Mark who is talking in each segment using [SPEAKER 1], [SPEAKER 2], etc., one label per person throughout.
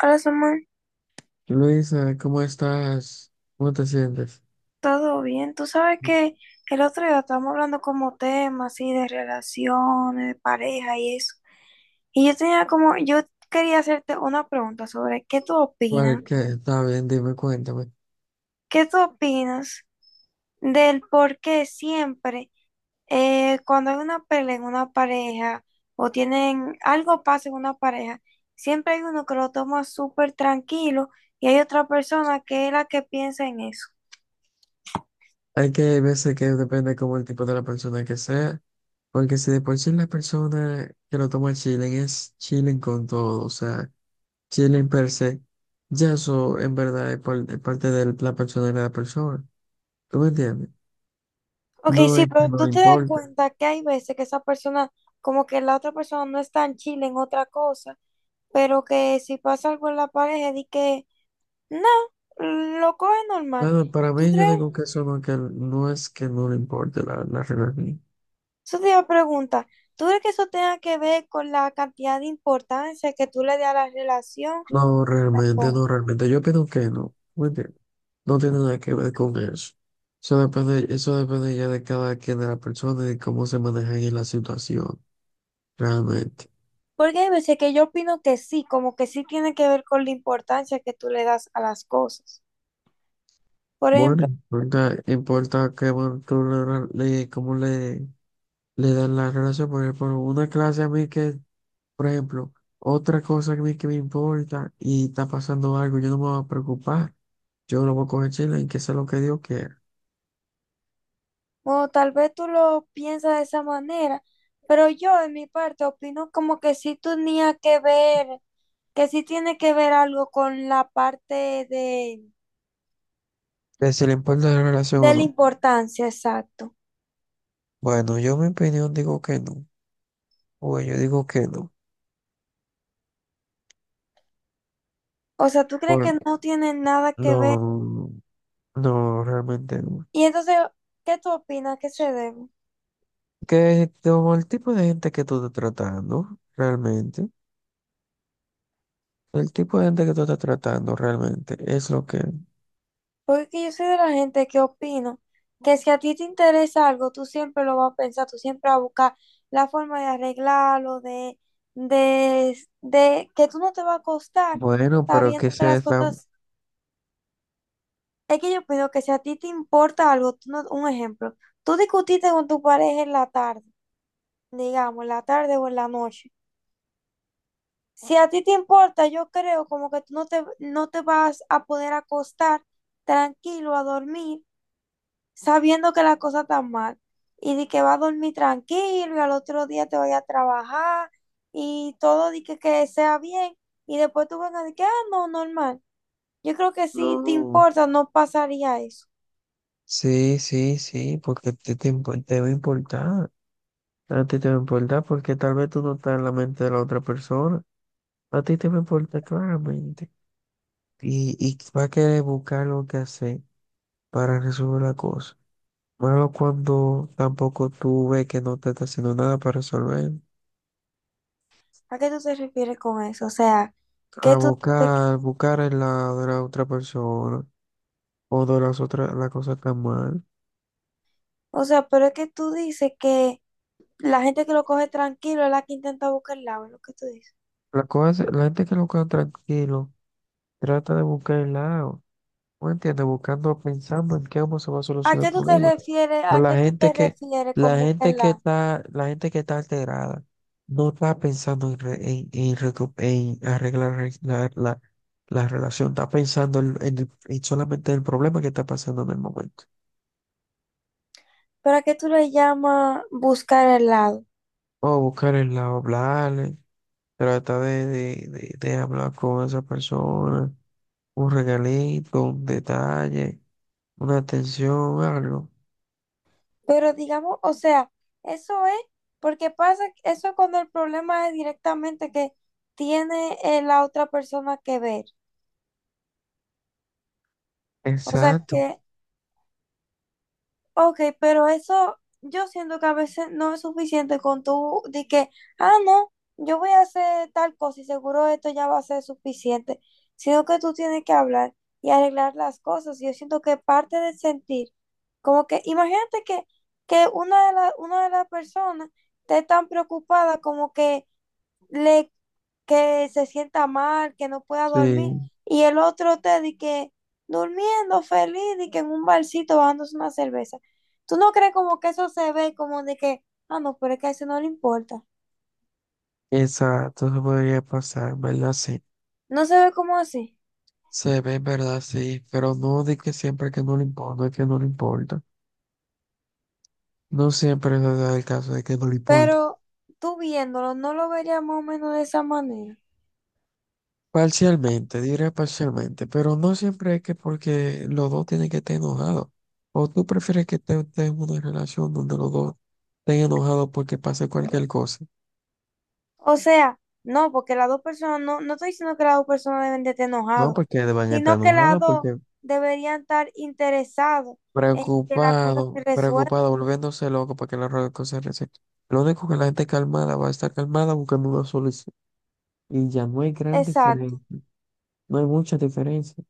[SPEAKER 1] Hola, Samuel,
[SPEAKER 2] Luisa, ¿cómo estás? ¿Cómo te sientes?
[SPEAKER 1] ¿todo bien? Tú sabes que el otro día estábamos hablando como temas así de relaciones, de pareja y eso. Y yo tenía como, yo quería hacerte una pregunta sobre qué tú opinas,
[SPEAKER 2] ¿Cuál que está bien? Dime, cuéntame.
[SPEAKER 1] qué tú opinas del por qué siempre cuando hay una pelea en una pareja o tienen algo pasa en una pareja, siempre hay uno que lo toma súper tranquilo y hay otra persona que es la que piensa en eso.
[SPEAKER 2] Hay veces que depende como el tipo de la persona que sea, porque si de por sí la persona que lo toma chilling es chilling con todo, o sea, chilling per se, ya eso en verdad es, es parte de la personalidad de la persona. ¿Tú me entiendes?
[SPEAKER 1] Ok,
[SPEAKER 2] No es
[SPEAKER 1] sí,
[SPEAKER 2] que
[SPEAKER 1] pero
[SPEAKER 2] no
[SPEAKER 1] tú
[SPEAKER 2] le
[SPEAKER 1] te das
[SPEAKER 2] importe.
[SPEAKER 1] cuenta que hay veces que esa persona, como que la otra persona no está en Chile en otra cosa, pero que si pasa algo en la pareja, di que no, lo coge normal.
[SPEAKER 2] Bueno, para
[SPEAKER 1] ¿Tú
[SPEAKER 2] mí yo
[SPEAKER 1] crees?
[SPEAKER 2] digo que eso no, que no es que no le importe la relación.
[SPEAKER 1] Eso te iba a preguntar. ¿Tú crees que eso tenga que ver con la cantidad de importancia que tú le das a la relación?
[SPEAKER 2] No, realmente,
[SPEAKER 1] O-
[SPEAKER 2] no, realmente. Yo opino que no. ¿Me entiendes? No tiene nada que ver con eso. Eso depende ya de cada quien, de la persona y de cómo se maneja en la situación, realmente.
[SPEAKER 1] Porque hay veces que yo opino que sí, como que sí tiene que ver con la importancia que tú le das a las cosas. Por
[SPEAKER 2] Bueno,
[SPEAKER 1] ejemplo,
[SPEAKER 2] importa, importa que, bueno, tú le, le- cómo le, le dan la relación. Por ejemplo, una clase a mí que, por ejemplo, otra cosa que a mí que me importa y está pasando algo, yo no me voy a preocupar. Yo lo voy a coger chile y que sea lo que Dios quiera.
[SPEAKER 1] bueno, tal vez tú lo piensas de esa manera, pero yo en mi parte opino como que sí tenía que ver, que sí tiene que ver algo con la parte
[SPEAKER 2] Que si le importa la relación o
[SPEAKER 1] de la
[SPEAKER 2] no.
[SPEAKER 1] importancia, exacto.
[SPEAKER 2] Bueno, yo mi opinión digo que no. Bueno, yo digo que no.
[SPEAKER 1] O sea, ¿tú crees
[SPEAKER 2] Por-
[SPEAKER 1] que no tiene nada que ver?
[SPEAKER 2] no, no, realmente no.
[SPEAKER 1] Y entonces, ¿qué tú opinas que se debe?
[SPEAKER 2] Que como el tipo de gente que tú estás tratando, realmente, el tipo de gente que tú estás tratando realmente es lo que...
[SPEAKER 1] Porque yo soy de la gente que opino que si a ti te interesa algo, tú siempre lo vas a pensar, tú siempre vas a buscar la forma de arreglarlo, de que tú no te va a costar
[SPEAKER 2] Bueno, pero que
[SPEAKER 1] sabiendo que
[SPEAKER 2] se
[SPEAKER 1] las
[SPEAKER 2] está...
[SPEAKER 1] cosas... Es que yo opino que si a ti te importa algo, tú no- un ejemplo, tú discutiste con tu pareja en la tarde, digamos, en la tarde o en la noche. Si a ti te importa, yo creo como que tú no te, no te vas a poder acostar tranquilo a dormir sabiendo que la cosa está mal y de que va a dormir tranquilo y al otro día te vaya a trabajar y todo de que sea bien y después tú vengas de que, ah, no, normal. Yo creo que si te
[SPEAKER 2] No,
[SPEAKER 1] importa no pasaría eso.
[SPEAKER 2] sí, sí, sí, porque te va a importar. A ti te va a importar porque tal vez tú no estás en la mente de la otra persona. A ti te va a importar claramente. Y va a querer buscar lo que hacer para resolver la cosa. Malo cuando tampoco tú ves que no te está haciendo nada para resolver.
[SPEAKER 1] ¿A qué tú te refieres con eso? O sea,
[SPEAKER 2] A
[SPEAKER 1] que tú,
[SPEAKER 2] buscar, buscar el lado de la otra persona o de las otras, la cosa está mal.
[SPEAKER 1] o sea, pero es que tú dices que la gente que lo coge tranquilo es la que intenta buscar el lado, es lo que tú dices.
[SPEAKER 2] La cosa, la gente que lo queda tranquilo trata de buscar el lado. ¿No entiendes? Buscando, pensando en cómo se va a
[SPEAKER 1] ¿A
[SPEAKER 2] solucionar
[SPEAKER 1] qué
[SPEAKER 2] el
[SPEAKER 1] tú te
[SPEAKER 2] problema.
[SPEAKER 1] refieres?
[SPEAKER 2] Pero
[SPEAKER 1] ¿A
[SPEAKER 2] la
[SPEAKER 1] qué tú
[SPEAKER 2] gente
[SPEAKER 1] te
[SPEAKER 2] que,
[SPEAKER 1] refieres con buscar el lado?
[SPEAKER 2] la gente que está alterada no está pensando en, en arreglar la relación, está pensando en, en solamente el problema que está pasando en el momento.
[SPEAKER 1] ¿Pero a qué tú le llamas buscar el lado?
[SPEAKER 2] O buscar el lado, hablarle, trata de hablar con esa persona, un regalito, un detalle, una atención, algo.
[SPEAKER 1] Pero digamos, o sea, eso es porque pasa, eso es cuando el problema es directamente que tiene la otra persona que ver. O sea,
[SPEAKER 2] Exacto.
[SPEAKER 1] que ok, pero eso yo siento que a veces no es suficiente con tú de que, ah, no, yo voy a hacer tal cosa y seguro esto ya va a ser suficiente, sino que tú tienes que hablar y arreglar las cosas. Y yo siento que parte del sentir, como que imagínate que una de las personas esté tan preocupada como que le que se sienta mal, que no pueda dormir,
[SPEAKER 2] Sí,
[SPEAKER 1] y el otro te di que durmiendo feliz, y que en un barcito bajándose una cerveza. ¿Tú no crees como que eso se ve como de que, ah, no, pero es que a ese no le importa?
[SPEAKER 2] exacto, se podría pasar, ¿verdad? Sí.
[SPEAKER 1] No se ve como así,
[SPEAKER 2] Se ve, ¿verdad? Sí, pero no de que siempre que no le importa, no es que no le importa. No siempre es verdad el caso de que no le importa.
[SPEAKER 1] pero tú viéndolo, no lo verías más o menos de esa manera.
[SPEAKER 2] Parcialmente, diré parcialmente, pero no siempre es que porque los dos tienen que estar enojados. O tú prefieres que estés en una relación donde los dos estén enojados porque pase cualquier cosa.
[SPEAKER 1] O sea, no, porque las dos personas, no, no estoy diciendo que las dos personas deben de estar
[SPEAKER 2] No,
[SPEAKER 1] enojados,
[SPEAKER 2] porque van a estar
[SPEAKER 1] sino que las
[SPEAKER 2] enojados,
[SPEAKER 1] dos
[SPEAKER 2] porque
[SPEAKER 1] deberían estar interesados en que la cosa
[SPEAKER 2] preocupado,
[SPEAKER 1] se resuelva.
[SPEAKER 2] preocupado, volviéndose loco para que la relación se resuelva. Lo único que la gente calmada va a estar calmada buscando una solución. Y ya no hay gran diferencia.
[SPEAKER 1] Exacto.
[SPEAKER 2] No hay mucha diferencia,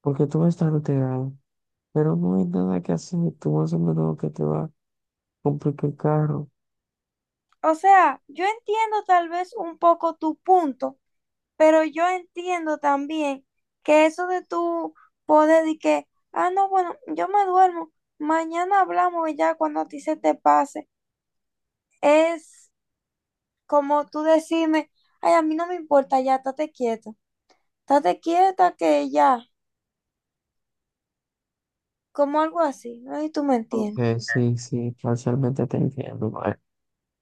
[SPEAKER 2] porque tú vas a estar alterado, pero no hay nada que hacer, tú vas a hacer lo que te va a complicar el carro.
[SPEAKER 1] O sea, yo entiendo tal vez un poco tu punto, pero yo entiendo también que eso de tu poder y que, ah, no, bueno, yo me duermo, mañana hablamos y ya cuando a ti se te pase, es como tú decirme, ay, a mí no me importa, ya, estate quieta que ya, como algo así, ¿no? Y tú me entiendes.
[SPEAKER 2] Aunque sí, sí, parcialmente te entiendo, mae.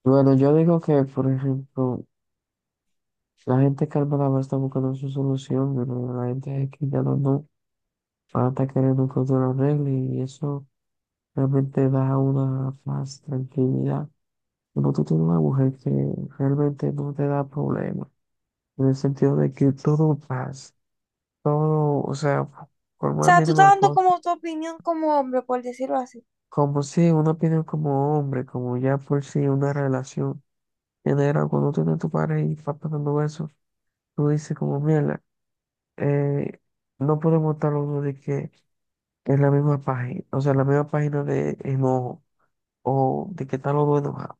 [SPEAKER 2] Bueno, yo digo que, por ejemplo, la gente calmada va a estar buscando su solución, pero la gente que ya no, no va a estar queriendo que otro lo arregle y eso realmente da una más tranquilidad. Como tú tienes una mujer que realmente no te da problemas, en el sentido de que todo pasa. Todo, o sea, por
[SPEAKER 1] O
[SPEAKER 2] más
[SPEAKER 1] sea, tú estás
[SPEAKER 2] mínima
[SPEAKER 1] dando
[SPEAKER 2] cosa,
[SPEAKER 1] como tu opinión como hombre, por decirlo así.
[SPEAKER 2] como si una opinión como hombre, como ya por si una relación genera, cuando tú tienes tu pareja y va pasando eso, tú dices como, mierda, eh, no podemos estar los dos de que es la misma página, o sea, la misma página de enojo, o de que están los dos enojados,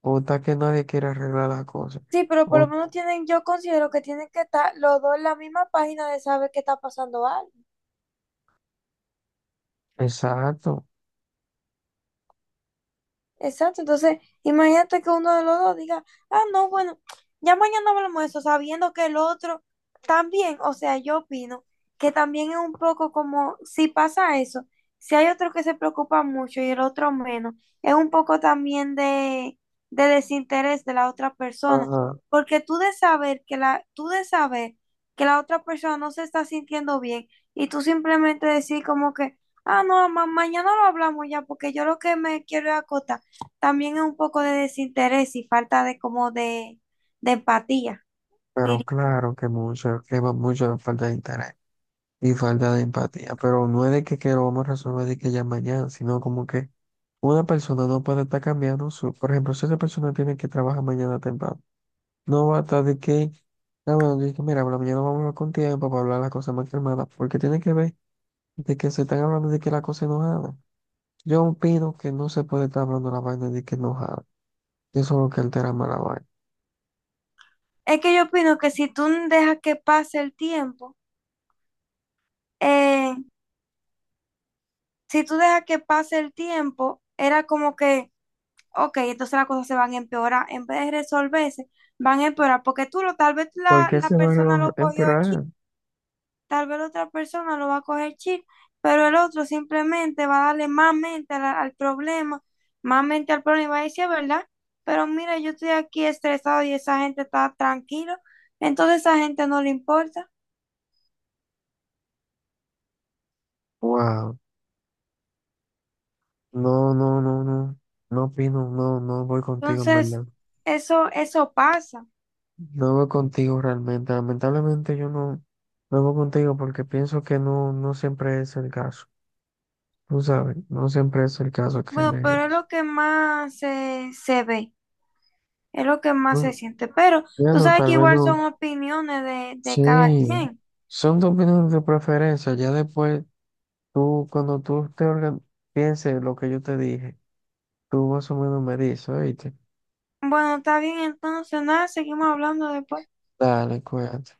[SPEAKER 2] o está que nadie quiere arreglar las cosas,
[SPEAKER 1] Sí, pero por lo
[SPEAKER 2] o
[SPEAKER 1] menos tienen, yo considero que tienen que estar los dos en la misma página de saber qué está pasando algo.
[SPEAKER 2] exacto,
[SPEAKER 1] Exacto, entonces imagínate que uno de los dos diga, ah, no, bueno, ya mañana hablamos de eso, sabiendo que el otro también, o sea, yo opino que también es un poco como si pasa eso, si hay otro que se preocupa mucho y el otro menos, es un poco también de desinterés de la otra persona,
[SPEAKER 2] ajá,
[SPEAKER 1] porque tú de saber que la otra persona no se está sintiendo bien y tú simplemente decir como que, ah, no, ma- mañana lo hablamos ya, porque yo lo que me quiero es acotar. También es un poco de desinterés y falta de como de empatía.
[SPEAKER 2] pero
[SPEAKER 1] Diría.
[SPEAKER 2] claro que mucho, que va mucho de falta de interés y falta de empatía, pero no es de que lo vamos a resolver de que ya mañana, sino como que una persona no puede estar cambiando su, por ejemplo, si esa persona tiene que trabajar mañana temprano, no va a estar de que, ah, bueno, de que mira, por la mañana vamos a hablar con tiempo para hablar las cosas más calmadas, porque tiene que ver de que se están hablando de que la cosa enojada. Yo opino que no se puede estar hablando la vaina de que enojada, eso es lo que altera más la vaina.
[SPEAKER 1] Es que yo opino que si tú dejas que pase el tiempo, eh, si tú dejas que pase el tiempo, era como que, ok, entonces las cosas se van a empeorar. En vez de resolverse, van a empeorar porque tú lo, tal vez
[SPEAKER 2] ¿Por
[SPEAKER 1] la,
[SPEAKER 2] qué
[SPEAKER 1] la
[SPEAKER 2] se va a
[SPEAKER 1] persona lo cogió
[SPEAKER 2] empeorar?
[SPEAKER 1] tal vez la otra persona lo va a coger chill, pero el otro simplemente va a darle más mente al problema, más mente al problema y va a decir, ¿verdad? Pero mira, yo estoy aquí estresado y esa gente está tranquila, entonces esa gente no le importa.
[SPEAKER 2] Wow, no, no, no, no, no opino, no, no voy contigo en
[SPEAKER 1] Entonces,
[SPEAKER 2] verdad.
[SPEAKER 1] eso pasa.
[SPEAKER 2] No voy contigo realmente. Lamentablemente yo no, no voy contigo porque pienso que no, no siempre es el caso. Tú sabes, no siempre es el caso que
[SPEAKER 1] Bueno,
[SPEAKER 2] de
[SPEAKER 1] pero es
[SPEAKER 2] hecho.
[SPEAKER 1] lo que más se ve, es lo que más se
[SPEAKER 2] No,
[SPEAKER 1] siente. Pero tú
[SPEAKER 2] bueno,
[SPEAKER 1] sabes que
[SPEAKER 2] tal vez
[SPEAKER 1] igual son
[SPEAKER 2] no.
[SPEAKER 1] opiniones de cada
[SPEAKER 2] Sí,
[SPEAKER 1] quien.
[SPEAKER 2] son tus opiniones de preferencia. Ya después, tú, cuando pienses lo que yo te dije, tú más o menos me dices, oíste.
[SPEAKER 1] Bueno, está bien, entonces nada, seguimos hablando después.
[SPEAKER 2] Dale, cuídate.